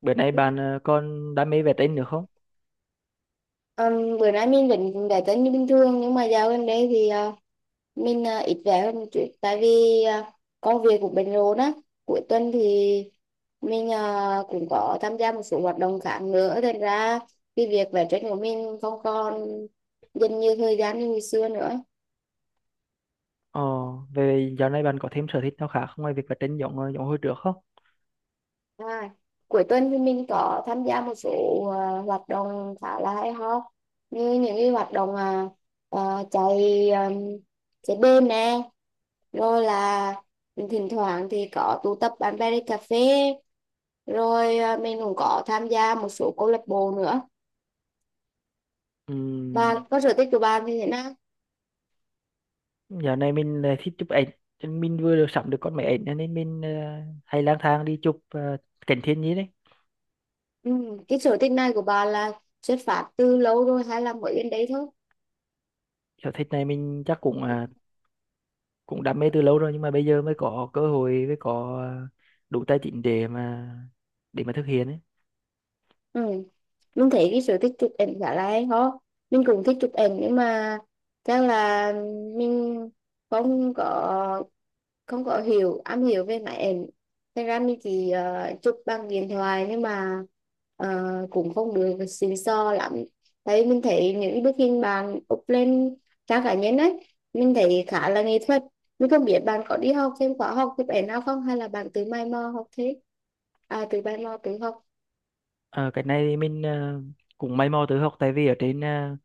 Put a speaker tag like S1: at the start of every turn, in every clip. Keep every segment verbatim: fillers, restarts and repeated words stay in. S1: Bữa nay bạn ờ, còn đam mê vẽ tranh nữa không?
S2: Ừm, bữa nay mình vẫn đã tính như bình thường nhưng mà dạo gần đây thì ờ, mình ờ, ít về hơn một chút tại vì ờ, công việc cũng bận rộn á. Cuối tuần thì mình ờ, cũng có tham gia một số hoạt động khác nữa, thành ra cái việc vẽ tranh của mình không còn dành nhiều thời gian như ngày xưa nữa.
S1: Ờ, về dạo này bạn có thêm sở thích nào khác ngoài việc vẽ tranh giống ờ, giống hồi trước không?
S2: à, Cuối tuần thì mình có tham gia một số ờ, hoạt động khá là hay ho, như những cái hoạt động ờ, ờ, chạy um, chạy đêm nè, rồi là thỉnh thoảng thì có tụ tập bạn bè đi cà phê, rồi à, mình cũng có tham gia một số câu lạc bộ nữa.
S1: Ừm,
S2: Bạn có sở thích của bạn thì thế nào?
S1: dạo này mình lại thích chụp ảnh. Cho nên mình vừa được sắm được con máy ảnh, cho nên mình ờ, hay lang thang đi chụp ờ, cảnh thiên nhiên đấy.
S2: Ừ, cái sở thích này của bạn là xuất phát từ lâu rồi hay là mới đến đấy thôi?
S1: Sở thích này mình chắc cũng ờ, cũng đam mê từ lâu rồi, nhưng mà bây giờ mới có cơ hội, mới có ờ, đủ tài chính để mà để mà thực hiện ấy.
S2: Ừ. Mình thấy cái sở thích chụp ảnh khá là hay ho, mình cũng thích chụp ảnh nhưng mà chắc là mình không có không có hiểu am hiểu về máy ảnh, thế ra mình chỉ ờ, chụp bằng điện thoại nhưng mà ờ, cũng không được xịn sò lắm. Thấy mình thấy những bức hình bạn up lên trang cá nhân ấy, mình thấy khá là nghệ thuật. Mình không biết bạn có đi học thêm khóa học chụp ảnh nào không hay là bạn tự mày mò học thế? À, tự mày mò tự học.
S1: Ờ, cái này thì mình ờ, cũng may mò tự học, tại vì ở trên ờ,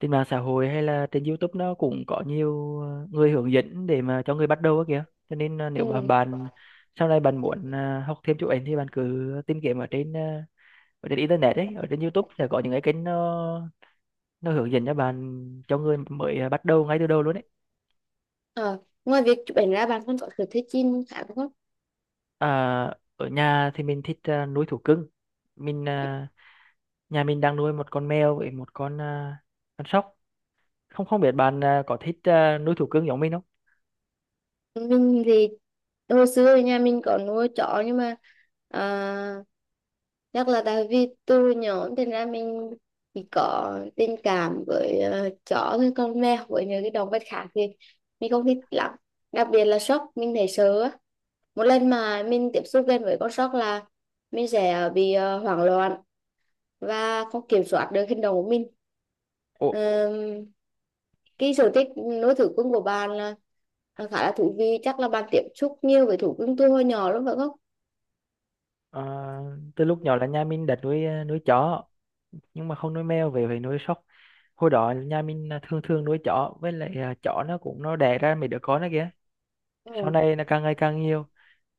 S1: trên mạng xã hội hay là trên YouTube nó cũng có nhiều ờ, người hướng dẫn để mà cho người bắt đầu á kìa. Cho nên ờ,
S2: Ừ.
S1: nếu mà bạn sau này bạn muốn ờ, học thêm chụp ảnh thì bạn cứ tìm kiếm ở trên ờ, ở trên internet ấy, ở trên YouTube sẽ có những cái kênh nó nó hướng dẫn cho bạn, cho người mới ờ, bắt đầu ngay từ đầu luôn ấy.
S2: Ờ, ngoài việc chụp ảnh ra bạn còn có sở thích chim khác không?
S1: À, ở nhà thì mình thích ờ, nuôi thú cưng. mình ờ, Nhà mình đang nuôi một con mèo với một con ờ, con sóc. Không không biết bạn ờ, có thích ờ, nuôi thú cưng giống mình không?
S2: Mình thì hồi xưa thì nhà mình có nuôi chó nhưng mà à, chắc là tại vì từ nhỏ, thành ra mình chỉ có tình cảm với ờ, chó với con mèo, với những cái động vật khác thì mình không thích lắm. Đặc biệt là sóc, mình thấy sợ á. Một lần mà mình tiếp xúc gần với con sóc là mình sẽ bị ờ, hoảng loạn và không kiểm soát được hành động của mình.
S1: Ủa.
S2: Ờm, cái sở thích nuôi thú cưng của bạn là là khá là thú vị, chắc là bạn tiếp xúc nhiều với thú cưng từ hồi nhỏ lắm phải không?
S1: Ờ, từ lúc nhỏ là nhà mình đã nuôi ờ, nuôi chó, nhưng mà không nuôi mèo về phải nuôi sóc. Hồi đó nhà mình là thường thường nuôi chó, với lại ờ, chó nó cũng nó đẻ ra mấy đứa con đó kìa. Sau
S2: Ừ,
S1: này nó càng ngày càng nhiều,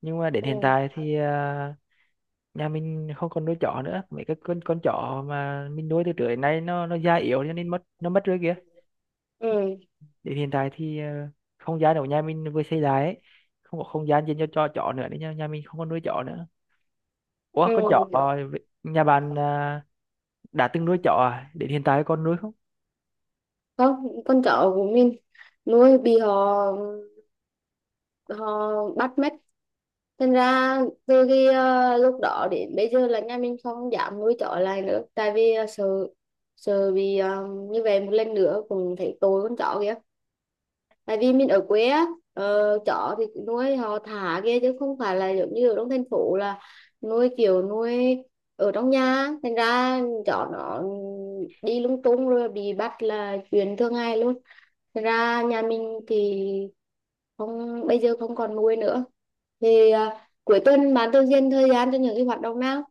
S1: nhưng mà đến
S2: ừ,
S1: hiện tại thì ờ, nhà mình không còn nuôi chó nữa. Mấy cái con con chó mà mình nuôi từ trước đến nay nó nó già yếu cho nên mất nó mất rồi kìa.
S2: ừ,
S1: Đến hiện tại thì ờ, không gian ở nhà mình vừa xây lại ấy, không có không gian dành cho cho chó nữa nên nhà, nhà mình không còn nuôi chó nữa. Ủa,
S2: ừ,
S1: con chó ờ, nhà bạn ờ, đã từng nuôi chó à, đến hiện tại còn nuôi không?
S2: không, con chó của mình nuôi bị họ họ bắt mất, thành ra từ khi ờ, lúc đó đến bây giờ là nhà mình không dám nuôi chó lại nữa tại vì ờ, sợ sợ bị ờ, như vậy một lần nữa, cũng thấy tội con chó kìa. Tại vì mình ở quê á, ờ, chó thì nuôi họ thả kia chứ không phải là giống như ở trong thành phố là nuôi kiểu nuôi ở trong nhà, thành ra chó nó đi lung tung rồi bị bắt là chuyện thường ngày luôn. Thành ra nhà mình thì không, bây giờ không còn nuôi nữa. Thì à, cuối tuần bạn thường dành thời gian cho những cái hoạt động nào?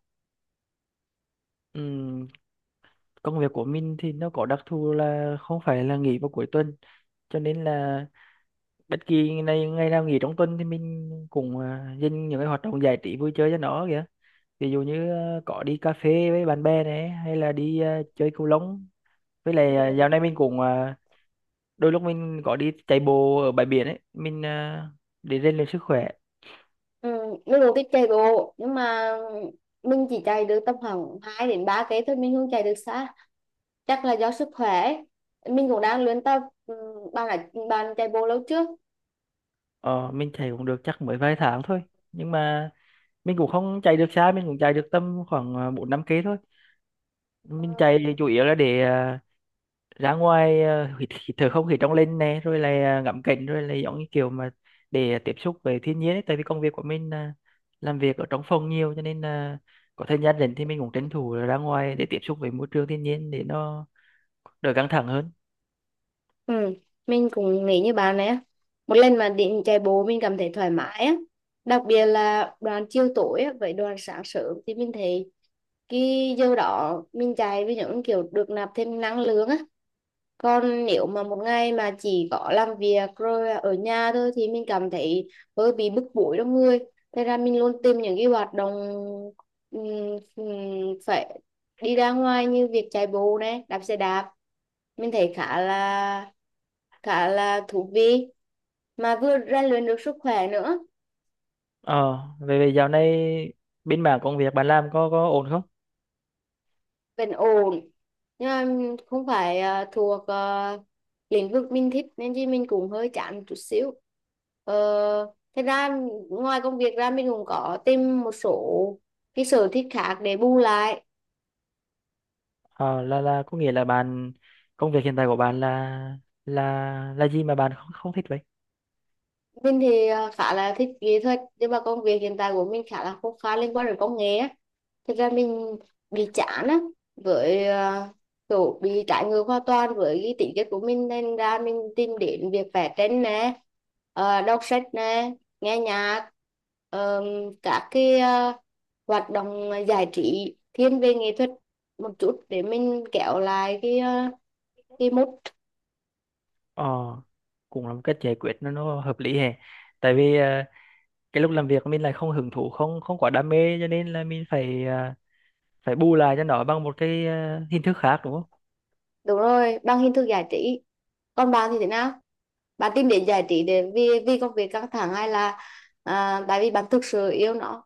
S1: Ừm, công việc của mình thì nó có đặc thù là không phải là nghỉ vào cuối tuần, cho nên là bất kỳ ngày ngày nào nghỉ trong tuần thì mình cũng à, dành những cái hoạt động giải trí vui chơi cho nó kìa. Ví dụ như à, có đi cà phê với bạn bè này, hay là đi à, chơi cầu lông, với
S2: Ừ.
S1: lại à, dạo này mình cũng à, đôi lúc mình có đi chạy bộ ở bãi biển ấy, mình à, để rèn luyện sức khỏe.
S2: Ừ. Mình cũng thích chạy bộ nhưng mà mình chỉ chạy được tầm khoảng hai đến ba cây thôi, mình không chạy được xa, chắc là do sức khỏe, mình cũng đang luyện tập. Ừ, bạn đã bạn chạy bộ lâu trước?
S1: Ờ, mình chạy cũng được chắc mới vài tháng thôi, nhưng mà mình cũng không chạy được xa, mình cũng chạy được tầm khoảng à, bốn năm cây thôi.
S2: Ừ.
S1: Mình chạy thì chủ yếu là để à, ra ngoài à, hít, hít thở không khí trong lành này, rồi là à, ngắm cảnh, rồi là giống như kiểu mà để tiếp xúc với thiên nhiên ấy. Tại vì công việc của mình là làm việc ở trong phòng nhiều, cho nên là có thời gian rảnh thì mình cũng tranh thủ là ra ngoài để tiếp xúc với môi trường thiên nhiên để nó đỡ căng thẳng hơn.
S2: Ừ. Mình cũng nghĩ như bạn này á, một lần mà định chạy bộ mình cảm thấy thoải mái á, đặc biệt là đoạn chiều tối á, với đoạn sáng sớm thì mình thấy cái giờ đó mình chạy với những kiểu được nạp thêm năng lượng á. Còn nếu mà một ngày mà chỉ có làm việc rồi ở nhà thôi thì mình cảm thấy hơi bị bức bối trong người. Thế ra mình luôn tìm những cái hoạt động ừm, ừm, phải đi ra ngoài như việc chạy bộ này, đạp xe đạp. Mình thấy khá là khá là thú vị mà vừa rèn luyện được sức khỏe nữa.
S1: Ờ về về dạo này bên mảng công việc bạn làm có có ổn không?
S2: Vẫn ổn, nhưng mà không phải ờ, thuộc ờ, lĩnh vực mình thích nên chứ mình cũng hơi chán một chút xíu. Ờ, thế ra ngoài công việc ra mình cũng có tìm một số cái sở thích khác để bù lại.
S1: Ờ, là là có nghĩa là bạn, công việc hiện tại của bạn là là là gì mà bạn không không thích vậy?
S2: Mình thì à, khá là thích nghệ thuật nhưng mà công việc hiện tại của mình khá là khô khan, liên quan đến công nghệ á. Thực ra mình bị chán á, với à, kiểu bị trái ngược hoàn toàn với cái tính chất của mình nên ra mình tìm đến việc vẽ tranh nè, ờ, đọc sách nè, nghe nhạc, ờ, các cái à, hoạt động giải trí thiên về nghệ thuật một chút để mình kéo lại cái à, cái mood.
S1: Ờ, cũng là một cách giải quyết, nó nó hợp lý hè. Tại vì ờ, cái lúc làm việc mình lại không hứng thú, không không quá đam mê, cho nên là mình phải ờ, phải bù lại cho nó bằng một cái ờ, hình thức khác, đúng không?
S2: Đúng rồi, bằng hình thức giải trí. Còn bạn thì thế nào, bạn tìm đến giải trí để vì vì công việc căng thẳng hay là à, tại vì bạn thực sự yêu nó?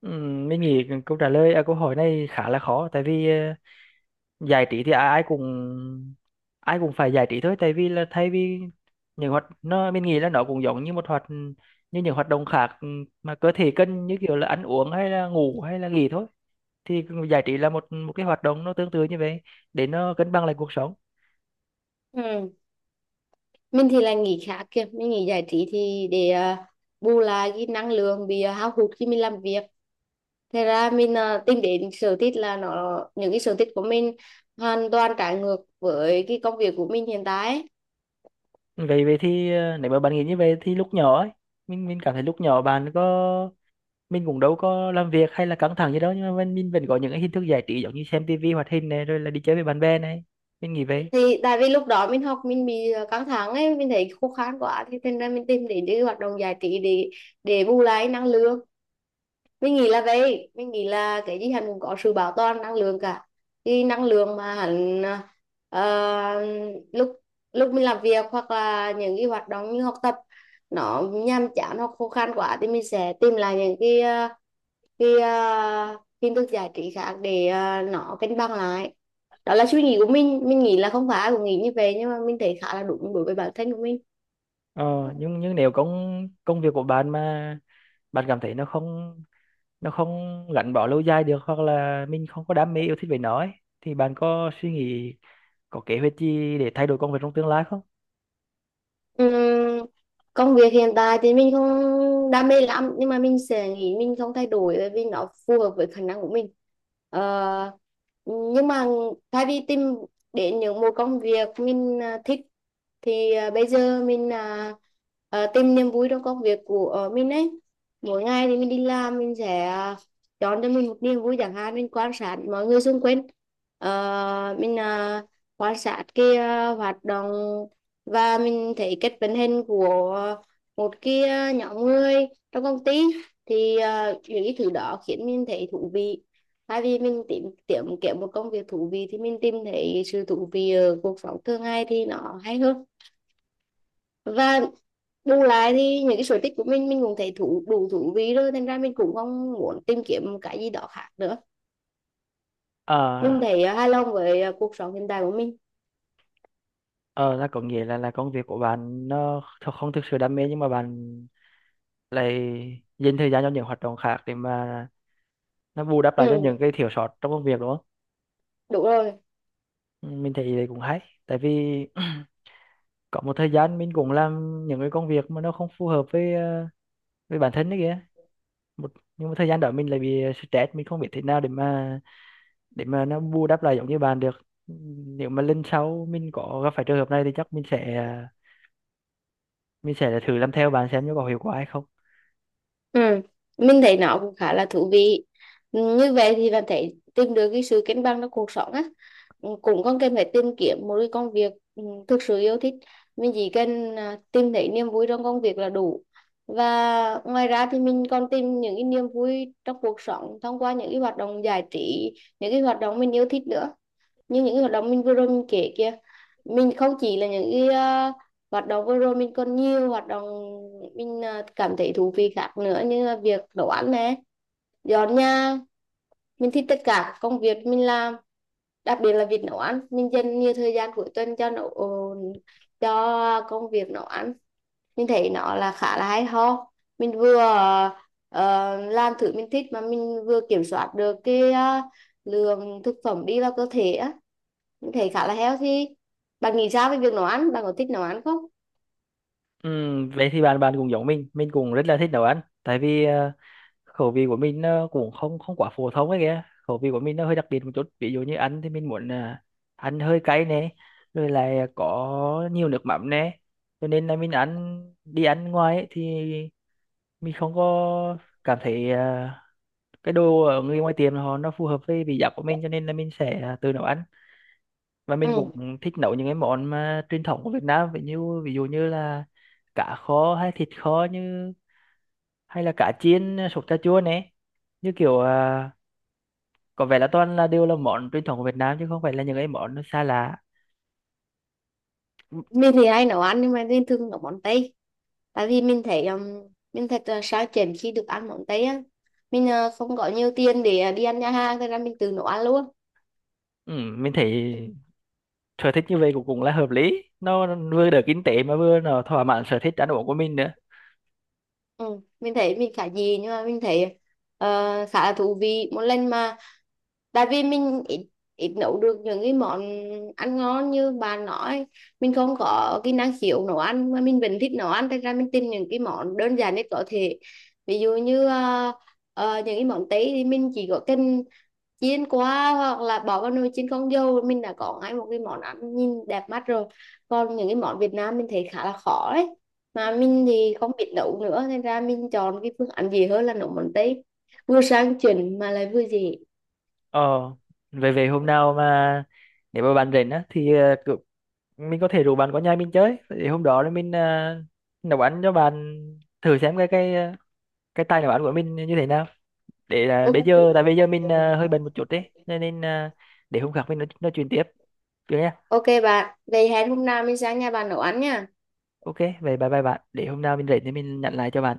S1: Ừm, mình nghĩ câu trả lời à, câu hỏi này khá là khó. Tại vì ờ, giải trí thì ai ai cũng ai cũng phải giải trí thôi. Tại vì là thay vì những hoạt nó mình nghĩ là nó cũng giống như một hoạt như những hoạt động khác, ừ, mà cơ thể cần như kiểu là ăn uống hay là ngủ hay là nghỉ thôi. Thì giải trí là một một cái hoạt động nó tương tự như vậy để nó cân bằng lại cuộc sống.
S2: Ừ. Mình thì là nghỉ khá kìa, mình nghỉ giải trí thì để à, bù lại cái năng lượng bị à, hao hụt khi mình làm việc, thế ra mình à, tìm đến sở thích là nó, những cái sở thích của mình hoàn toàn trái ngược với cái công việc của mình hiện tại ấy.
S1: Vậy vậy thì ờ, nếu mà bạn nghĩ như vậy thì lúc nhỏ ấy, mình mình cảm thấy lúc nhỏ bạn có, mình cũng đâu có làm việc hay là căng thẳng gì đâu, nhưng mà mình, mình vẫn có những cái hình thức giải trí giống như xem tivi hoạt hình này, rồi là đi chơi với bạn bè này. Mình nghĩ vậy.
S2: Thì tại vì lúc đó mình học mình bị à, căng thẳng ấy, mình thấy khô khan quá thì thành ra mình tìm đến những hoạt động giải trí để để bù lại năng lượng. Mình nghĩ là vậy, mình nghĩ là cái gì hắn cũng có sự bảo toàn năng lượng cả. Thì năng lượng mà hắn ờ, lúc lúc mình làm việc hoặc là những cái hoạt động như học tập nó nhàm chán hoặc khô khan quá thì mình sẽ tìm lại những cái ờ, cái ờ, hình thức giải trí khác để ờ, nó cân bằng lại. Đó là suy nghĩ của mình mình nghĩ là không phải ai cũng nghĩ như vậy nhưng mà mình thấy khá là đúng đối với bản thân của mình.
S1: Ờ, nhưng nhưng nếu công công việc của bạn mà bạn cảm thấy nó không nó không gắn bó lâu dài được, hoặc là mình không có đam mê yêu thích về nó ấy, thì bạn có suy nghĩ, có kế hoạch gì để thay đổi công việc trong tương lai không?
S2: Ừm, Công việc hiện tại thì mình không đam mê lắm nhưng mà mình sẽ nghĩ mình không thay đổi bởi vì nó phù hợp với khả năng của mình. Ờ, nhưng mà thay vì tìm đến những một công việc mình à, thích thì à, bây giờ mình à, à, tìm niềm vui trong công việc của ờ, mình ấy. Mỗi ngày thì mình đi làm mình sẽ à, chọn cho mình một niềm vui, chẳng hạn mình quan sát mọi người xung quanh. Ờ, mình à, quan sát cái à, hoạt động và mình thấy cách vận hành của một cái ờ, nhóm người trong công ty, thì ờ, những cái thứ đó khiến mình thấy thú vị. Thay vì mình tìm tìm kiếm một công việc thú vị thì mình tìm thấy sự thú vị ở cuộc sống thường ngày thì nó hay hơn. Và bù lại thì những cái sở thích của mình mình cũng thấy thú đủ thú vị rồi, thành ra mình cũng không muốn tìm kiếm một cái gì đó khác nữa.
S1: Ờ,
S2: Mình thấy ờ, hài lòng với ờ, cuộc sống hiện tại của mình.
S1: ờ là có nghĩa là là công việc của bạn nó th- không thực sự đam mê, nhưng mà bạn lại dành thời gian cho những hoạt động khác để mà nó bù đắp lại cho những
S2: Ừ,
S1: cái thiếu sót trong công việc, đúng không?
S2: đúng rồi.
S1: Ừ, mình thấy đấy cũng hay. Tại vì có một thời gian mình cũng làm những cái công việc mà nó không phù hợp với ờ, với bản thân đấy kìa. Một, nhưng mà thời gian đó mình lại bị stress, mình không biết thế nào để mà để mà nó bù đắp lại giống như bạn được. Nếu mà lần sau mình có gặp phải trường hợp này thì chắc mình sẽ mình sẽ là thử làm theo bạn xem nó có hiệu quả hay không.
S2: Ừ, mình thấy nó cũng khá là thú vị. Ừ, như vậy thì bạn thấy tìm được cái sự cân bằng trong cuộc sống á, ừ, cũng không cần phải tìm kiếm một cái công việc ừ, thực sự yêu thích. Mình chỉ cần à, tìm thấy niềm vui trong công việc là đủ. Và ngoài ra thì mình còn tìm những cái niềm vui trong cuộc sống thông qua những cái hoạt động giải trí, những cái hoạt động mình yêu thích nữa, như những cái hoạt động mình vừa rồi mình kể kia. Mình không chỉ là những cái ờ, hoạt động vừa rồi, mình còn nhiều hoạt động mình ờ, cảm thấy thú vị khác nữa, như là việc nấu ăn này, dọn nhà. Mình thích tất cả các công việc mình làm, đặc biệt là việc nấu ăn, mình dành nhiều thời gian cuối tuần cho nấu ờ, cho công việc nấu ăn. Mình thấy nó là khá là hay ho, mình vừa ờ, làm thử mình thích mà mình vừa kiểm soát được cái ờ, lượng thực phẩm đi vào cơ thể á, thấy khá là healthy. Bạn nghĩ sao về việc nấu ăn, bạn có thích nấu ăn không?
S1: Ừm, vậy thì bạn bạn cũng giống mình mình cũng rất là thích nấu ăn. Tại vì ờ, khẩu vị của mình nó cũng không không quá phổ thông ấy kìa, khẩu vị của mình nó hơi đặc biệt một chút. Ví dụ như ăn thì mình muốn ờ, ăn hơi cay nè, rồi lại có nhiều nước mắm nè, cho nên là mình ăn đi ăn ngoài ấy, thì mình không có cảm thấy à, cái đồ ở người ngoài tiệm họ nó phù hợp với vị giác của mình, cho nên là mình sẽ à, tự nấu ăn. Và mình
S2: Ừ.
S1: cũng thích nấu những cái món mà truyền thống của Việt Nam, ví như ví dụ như là cá kho hay thịt kho, như hay là cá chiên à, sốt cà chua này. Như kiểu à, có vẻ là toàn là đều là món truyền thống của Việt Nam, chứ không phải là những cái món nó xa lạ. Ừ.
S2: Mình thì hay nấu ăn nhưng mà mình thường nấu món Tây, tại vì mình thấy um, mình thật là sao chèn khi được ăn món Tây á. Mình ờ, không có nhiều tiền để ờ, đi ăn nhà hàng thế ra mình tự nấu ăn luôn.
S1: Ừ, mình thấy sở thích như vậy cũng cũng là hợp lý, nó vừa đỡ kinh tế mà vừa nó thỏa mãn sở thích ăn uống của mình nữa.
S2: Ừ. Mình thấy mình khá gì nhưng mà mình thấy ờ, khá là thú vị một lần mà. Tại vì mình ít, ít nấu được những cái món ăn ngon như bà nói, mình không có kỹ năng hiểu nấu ăn mà mình vẫn thích nấu ăn thành ra mình tìm những cái món đơn giản nhất có thể. Ví dụ như ờ, ờ, những cái món Tây thì mình chỉ có cần chiên qua hoặc là bỏ vào nồi chiên không dầu, mình đã có ngay một cái món ăn nhìn đẹp mắt rồi. Còn những cái món Việt Nam mình thấy khá là khó đấy, mà mình thì không biết nấu nữa nên ra mình chọn cái phương án gì hơn là nấu món Tây, vừa sang chỉnh mà lại vừa dễ.
S1: Ờ, về về hôm nào mà nếu mà bạn rảnh á, thì ờ, cứ- mình có thể rủ bạn qua nhà mình chơi. Thì hôm đó là mình ờ, nấu ăn cho bạn, thử xem cái cái ờ, cái tay nấu ăn của mình như thế nào. Để là
S2: Ừ,
S1: Bây giờ tại bây giờ mình ờ, hơi
S2: à,
S1: bận một chút đấy, cho nên ờ, để hôm khác mình nói, nói chuyện tiếp, được nha.
S2: ok bạn, vậy hẹn hôm nào mình sang nhà bạn nấu ăn nha.
S1: Ok, vậy bye bye bạn. Để hôm nào mình rảnh thì mình nhận lại cho bạn.